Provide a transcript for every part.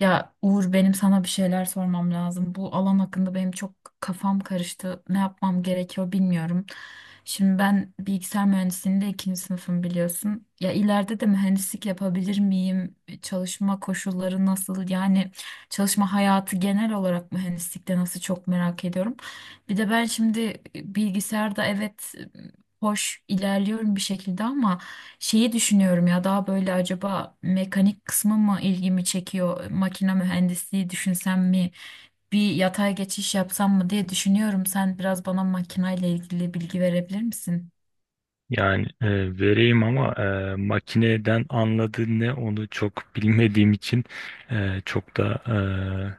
Ya Uğur benim sana bir şeyler sormam lazım. Bu alan hakkında benim çok kafam karıştı. Ne yapmam gerekiyor bilmiyorum. Şimdi ben bilgisayar mühendisliğinde ikinci sınıfım biliyorsun. Ya ileride de mühendislik yapabilir miyim? Çalışma koşulları nasıl? Yani çalışma hayatı genel olarak mühendislikte nasıl, çok merak ediyorum. Bir de ben şimdi bilgisayarda evet, hoş ilerliyorum bir şekilde ama şeyi düşünüyorum, ya daha böyle acaba mekanik kısmı mı ilgimi çekiyor? Makine mühendisliği düşünsem mi? Bir yatay geçiş yapsam mı diye düşünüyorum. Sen biraz bana makineyle ilgili bilgi verebilir misin? Yani vereyim ama makineden anladığı ne onu çok bilmediğim için e, çok da e,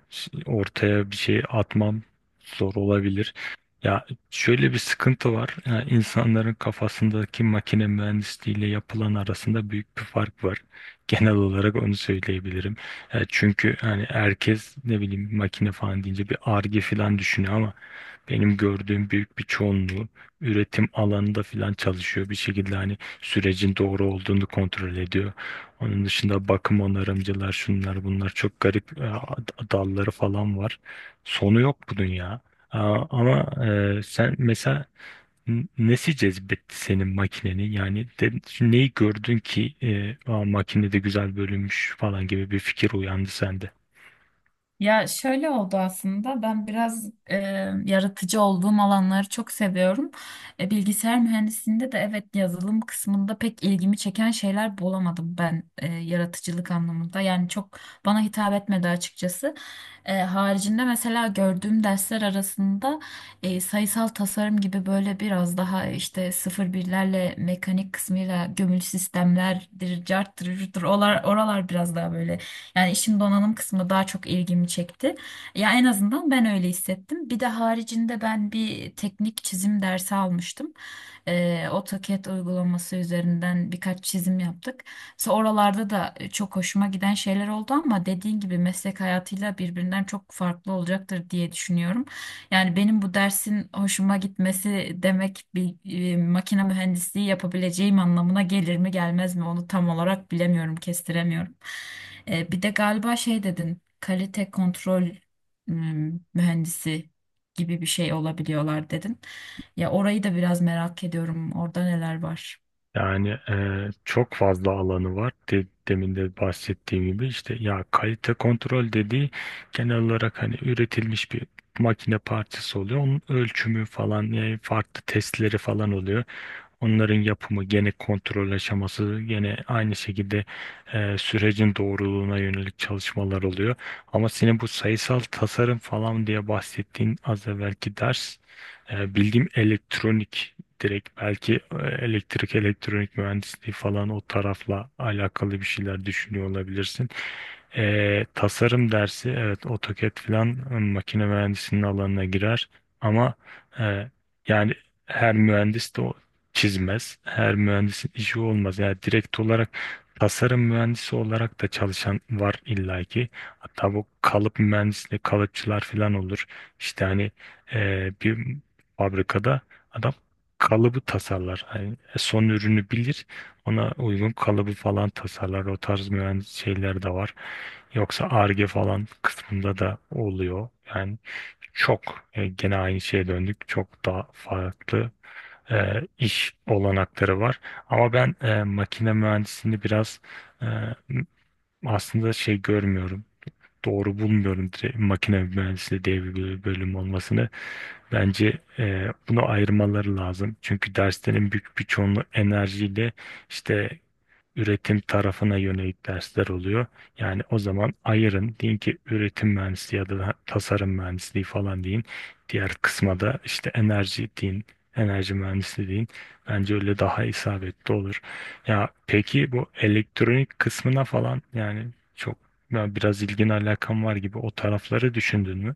ş- ortaya bir şey atmam zor olabilir. Ya şöyle bir sıkıntı var. İnsanların kafasındaki makine mühendisliği ile yapılan arasında büyük bir fark var. Genel olarak onu söyleyebilirim. Çünkü hani herkes ne bileyim makine falan deyince bir arge falan düşünüyor ama benim gördüğüm büyük bir çoğunluğu üretim alanında falan çalışıyor. Bir şekilde hani sürecin doğru olduğunu kontrol ediyor. Onun dışında bakım onarımcılar şunlar bunlar çok garip dalları falan var. Sonu yok bunun ya. Aa, ama sen mesela nesi cezbetti senin makineni? Neyi gördün ki "Aa, makine de güzel bölünmüş" falan gibi bir fikir uyandı sende. Ya şöyle oldu aslında, ben biraz yaratıcı olduğum alanları çok seviyorum. Bilgisayar mühendisliğinde de evet, yazılım kısmında pek ilgimi çeken şeyler bulamadım ben yaratıcılık anlamında. Yani çok bana hitap etmedi açıkçası. Haricinde mesela gördüğüm dersler arasında sayısal tasarım gibi, böyle biraz daha işte sıfır birlerle, mekanik kısmıyla, gömülü sistemlerdir, carttır, curttur, oralar biraz daha böyle, yani işin donanım kısmı daha çok ilgimi çekti. Ya en azından ben öyle hissettim. Bir de haricinde ben bir teknik çizim dersi almıştım. AutoCAD uygulaması üzerinden birkaç çizim yaptık. Sonra oralarda da çok hoşuma giden şeyler oldu ama dediğin gibi meslek hayatıyla birbirinden çok farklı olacaktır diye düşünüyorum. Yani benim bu dersin hoşuma gitmesi demek bir makine mühendisliği yapabileceğim anlamına gelir mi gelmez mi, onu tam olarak bilemiyorum, kestiremiyorum. Bir de galiba şey dedin, kalite kontrol mühendisi gibi bir şey olabiliyorlar dedin. Ya orayı da biraz merak ediyorum. Orada neler var? Yani çok fazla alanı var. Demin de bahsettiğim gibi işte ya kalite kontrol dediği genel olarak hani üretilmiş bir makine parçası oluyor. Onun ölçümü falan yani farklı testleri falan oluyor. Onların yapımı gene kontrol aşaması gene aynı şekilde sürecin doğruluğuna yönelik çalışmalar oluyor. Ama senin bu sayısal tasarım falan diye bahsettiğin az evvelki ders bildiğim elektronik direkt belki elektrik elektronik mühendisliği falan o tarafla alakalı bir şeyler düşünüyor olabilirsin. Tasarım dersi evet AutoCAD falan makine mühendisinin alanına girer ama e, yani her mühendis de çizmez. Her mühendisin işi olmaz. Yani direkt olarak tasarım mühendisi olarak da çalışan var illaki. Hatta bu kalıp mühendisliği kalıpçılar falan olur. İşte hani bir fabrikada adam kalıbı tasarlar. Hani son ürünü bilir. Ona uygun kalıbı falan tasarlar. O tarz mühendis şeyler de var. Yoksa Ar-Ge falan kısmında da oluyor. Yani çok gene aynı şeye döndük. Çok daha farklı iş olanakları var. Ama ben makine mühendisliğini biraz e, m- aslında şey görmüyorum. Doğru bulmuyorum direkt makine mühendisliği diye bir bölüm olmasını. Bence bunu ayırmaları lazım. Çünkü derslerin büyük bir çoğunluğu enerjiyle işte üretim tarafına yönelik dersler oluyor. Yani o zaman ayırın deyin ki üretim mühendisliği ya da tasarım mühendisliği falan deyin. Diğer kısma da işte enerji deyin, enerji mühendisliği deyin. Bence öyle daha isabetli olur. Ya peki bu elektronik kısmına falan yani çok ya biraz ilgin alakan var gibi o tarafları düşündün mü?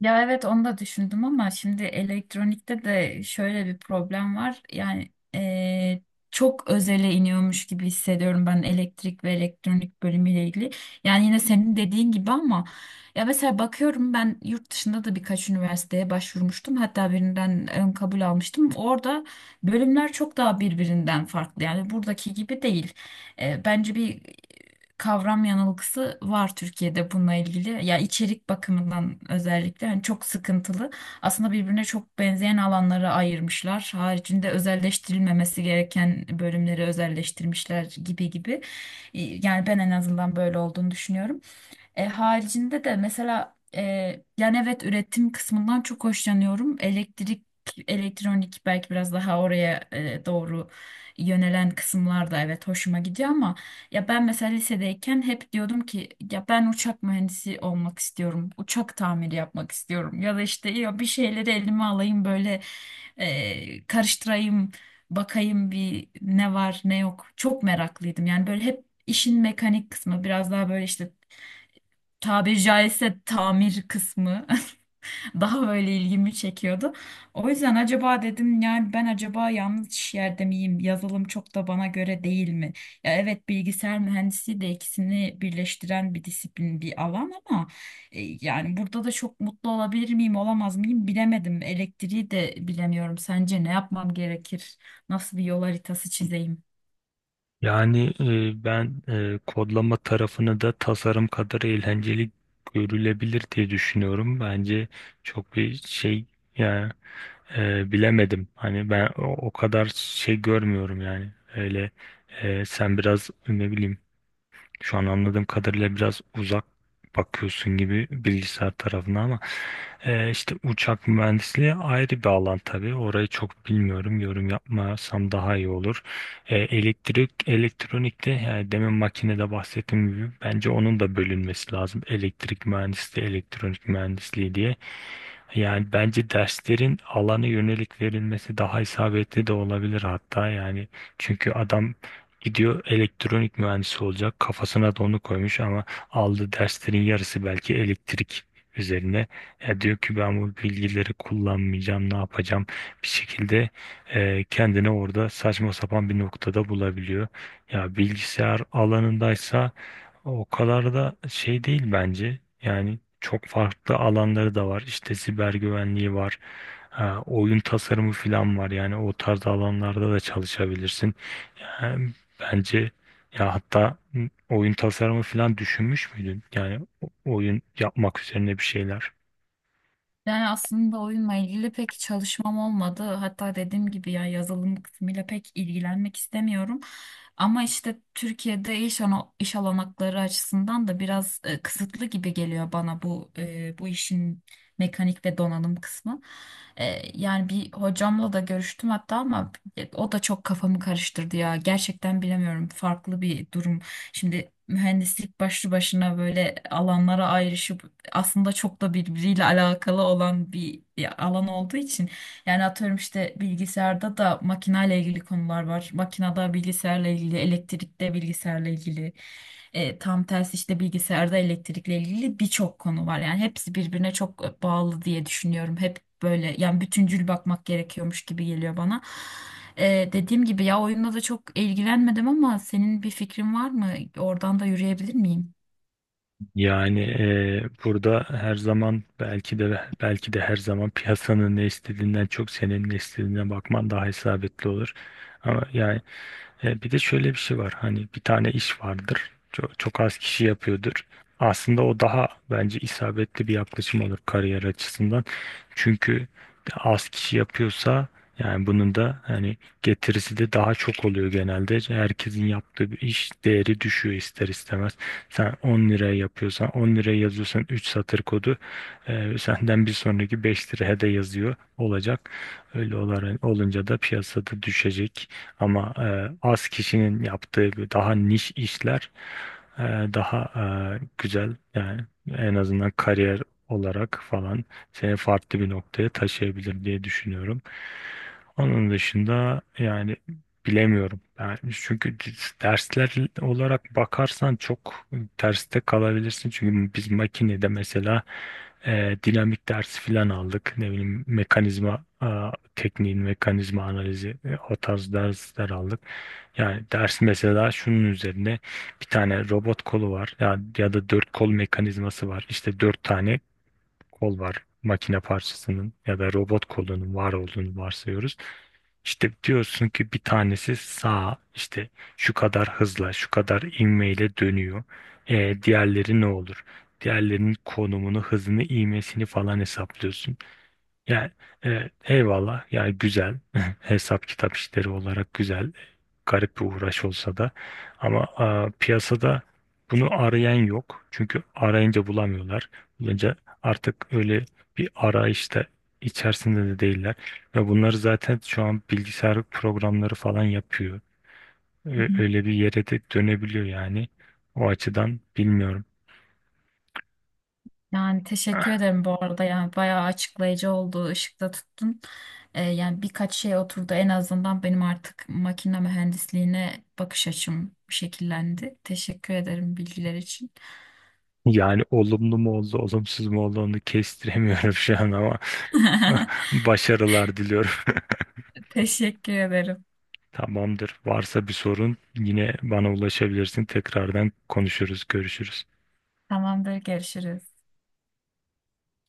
Ya evet, onu da düşündüm ama şimdi elektronikte de şöyle bir problem var. Yani çok özele iniyormuş gibi hissediyorum ben, elektrik ve elektronik bölümüyle ilgili. Yani yine senin dediğin gibi ama ya mesela bakıyorum, ben yurt dışında da birkaç üniversiteye başvurmuştum. Hatta birinden ön kabul almıştım. Orada bölümler çok daha birbirinden farklı. Yani buradaki gibi değil. Bence bir kavram yanılgısı var Türkiye'de bununla ilgili. Ya içerik bakımından özellikle hani çok sıkıntılı. Aslında birbirine çok benzeyen alanları ayırmışlar. Haricinde özelleştirilmemesi gereken bölümleri özelleştirmişler gibi gibi. Yani ben en azından böyle olduğunu düşünüyorum. Haricinde de mesela yani evet, üretim kısmından çok hoşlanıyorum. Elektrik, elektronik belki biraz daha oraya doğru yönelen kısımlar da evet hoşuma gidiyor ama ya ben mesela lisedeyken hep diyordum ki ya ben uçak mühendisi olmak istiyorum. Uçak tamiri yapmak istiyorum. Ya da işte ya bir şeyleri elime alayım, böyle karıştırayım, bakayım bir ne var ne yok. Çok meraklıydım. Yani böyle hep işin mekanik kısmı biraz daha böyle, işte tabiri caizse tamir kısmı daha böyle ilgimi çekiyordu. O yüzden acaba dedim, yani ben acaba yanlış yerde miyim? Yazılım çok da bana göre değil mi? Ya evet, bilgisayar mühendisliği de ikisini birleştiren bir disiplin, bir alan ama yani burada da çok mutlu olabilir miyim, olamaz mıyım bilemedim. Elektriği de bilemiyorum. Sence ne yapmam gerekir? Nasıl bir yol haritası çizeyim? Yani ben kodlama tarafını da tasarım kadar eğlenceli görülebilir diye düşünüyorum. Bence çok bir şey yani bilemedim. Hani ben o kadar şey görmüyorum yani. Öyle sen biraz ne bileyim şu an anladığım kadarıyla biraz uzak bakıyorsun gibi bilgisayar tarafına ama işte uçak mühendisliği ayrı bir alan tabii. Orayı çok bilmiyorum. Yorum yapmasam daha iyi olur. Elektrik, elektronikte yani demin makinede bahsettiğim gibi bence onun da bölünmesi lazım. Elektrik mühendisliği, elektronik mühendisliği diye. Yani bence derslerin alana yönelik verilmesi daha isabetli de olabilir hatta yani çünkü adam gidiyor elektronik mühendisi olacak kafasına da onu koymuş ama aldığı derslerin yarısı belki elektrik üzerine. Ya diyor ki ben bu bilgileri kullanmayacağım ne yapacağım bir şekilde kendini orada saçma sapan bir noktada bulabiliyor. Ya bilgisayar alanındaysa o kadar da şey değil bence. Yani çok farklı alanları da var. İşte siber güvenliği var. Ha, oyun tasarımı falan var. Yani o tarz alanlarda da çalışabilirsin. Yani bence ya hatta oyun tasarımı falan düşünmüş müydün? Oyun yapmak üzerine bir şeyler. Yani aslında oyunla ilgili pek çalışmam olmadı. Hatta dediğim gibi ya, yazılım kısmıyla pek ilgilenmek istemiyorum. Ama işte Türkiye'de iş olanakları açısından da biraz kısıtlı gibi geliyor bana bu, bu işin mekanik ve donanım kısmı. E, Yani bir hocamla da görüştüm hatta ama o da çok kafamı karıştırdı ya. Gerçekten bilemiyorum. Farklı bir durum. Şimdi mühendislik başlı başına böyle alanlara ayrışıp aslında çok da birbiriyle alakalı olan bir alan olduğu için, yani atıyorum işte bilgisayarda da makinayla ilgili konular var. Makinada bilgisayarla ilgili, elektrikte bilgisayarla ilgili. Tam tersi işte bilgisayarda elektrikle ilgili birçok konu var. Yani hepsi birbirine çok bağlı diye düşünüyorum. Hep böyle, yani bütüncül bakmak gerekiyormuş gibi geliyor bana. Dediğim gibi ya, oyunla da çok ilgilenmedim ama senin bir fikrin var mı? Oradan da yürüyebilir miyim? Yani burada her zaman belki de her zaman piyasanın ne istediğinden çok senin ne istediğine bakman daha isabetli olur. Ama yani bir de şöyle bir şey var. Hani bir tane iş vardır. Çok, çok az kişi yapıyordur. Aslında o daha bence isabetli bir yaklaşım olur kariyer açısından. Çünkü az kişi yapıyorsa yani bunun da hani getirisi de daha çok oluyor genelde. Herkesin yaptığı bir iş değeri düşüyor ister istemez. Sen 10 liraya yazıyorsan 3 satır kodu senden bir sonraki 5 liraya da yazıyor olacak. Öyle olunca da piyasada düşecek. Ama az kişinin yaptığı daha niş işler e, daha güzel yani en azından kariyer olarak falan seni farklı bir noktaya taşıyabilir diye düşünüyorum. Onun dışında yani bilemiyorum. Yani çünkü dersler olarak bakarsan çok terste kalabilirsin. Çünkü biz makinede mesela dinamik dersi filan aldık. Ne bileyim tekniğin mekanizma analizi o tarz dersler aldık. Yani ders mesela şunun üzerine bir tane robot kolu var ya, ya da dört kol mekanizması var. İşte dört tane kol var makine parçasının ya da robot kolunun var olduğunu varsayıyoruz. İşte diyorsun ki bir tanesi sağa işte şu kadar hızla şu kadar ivmeyle dönüyor. Diğerleri ne olur? Diğerlerinin konumunu, hızını, ivmesini falan hesaplıyorsun. Yani eyvallah yani güzel hesap kitap işleri olarak güzel garip bir uğraş olsa da ama piyasada bunu arayan yok çünkü arayınca bulamıyorlar, bulunca artık öyle bir arayışta içerisinde de değiller ve bunları zaten şu an bilgisayar programları falan yapıyor. Öyle bir yere de dönebiliyor yani o açıdan bilmiyorum. Yani teşekkür ederim bu arada, yani bayağı açıklayıcı oldu, ışıkta tuttun. Yani birkaç şey oturdu en azından, benim artık makine mühendisliğine bakış açım şekillendi. Teşekkür ederim bilgiler için. Yani olumlu mu oldu, olumsuz mu oldu onu kestiremiyorum şu an ama. Başarılar diliyorum. Teşekkür ederim. Tamamdır. Varsa bir sorun yine bana ulaşabilirsin. Tekrardan konuşuruz, görüşürüz. Tamamdır, görüşürüz.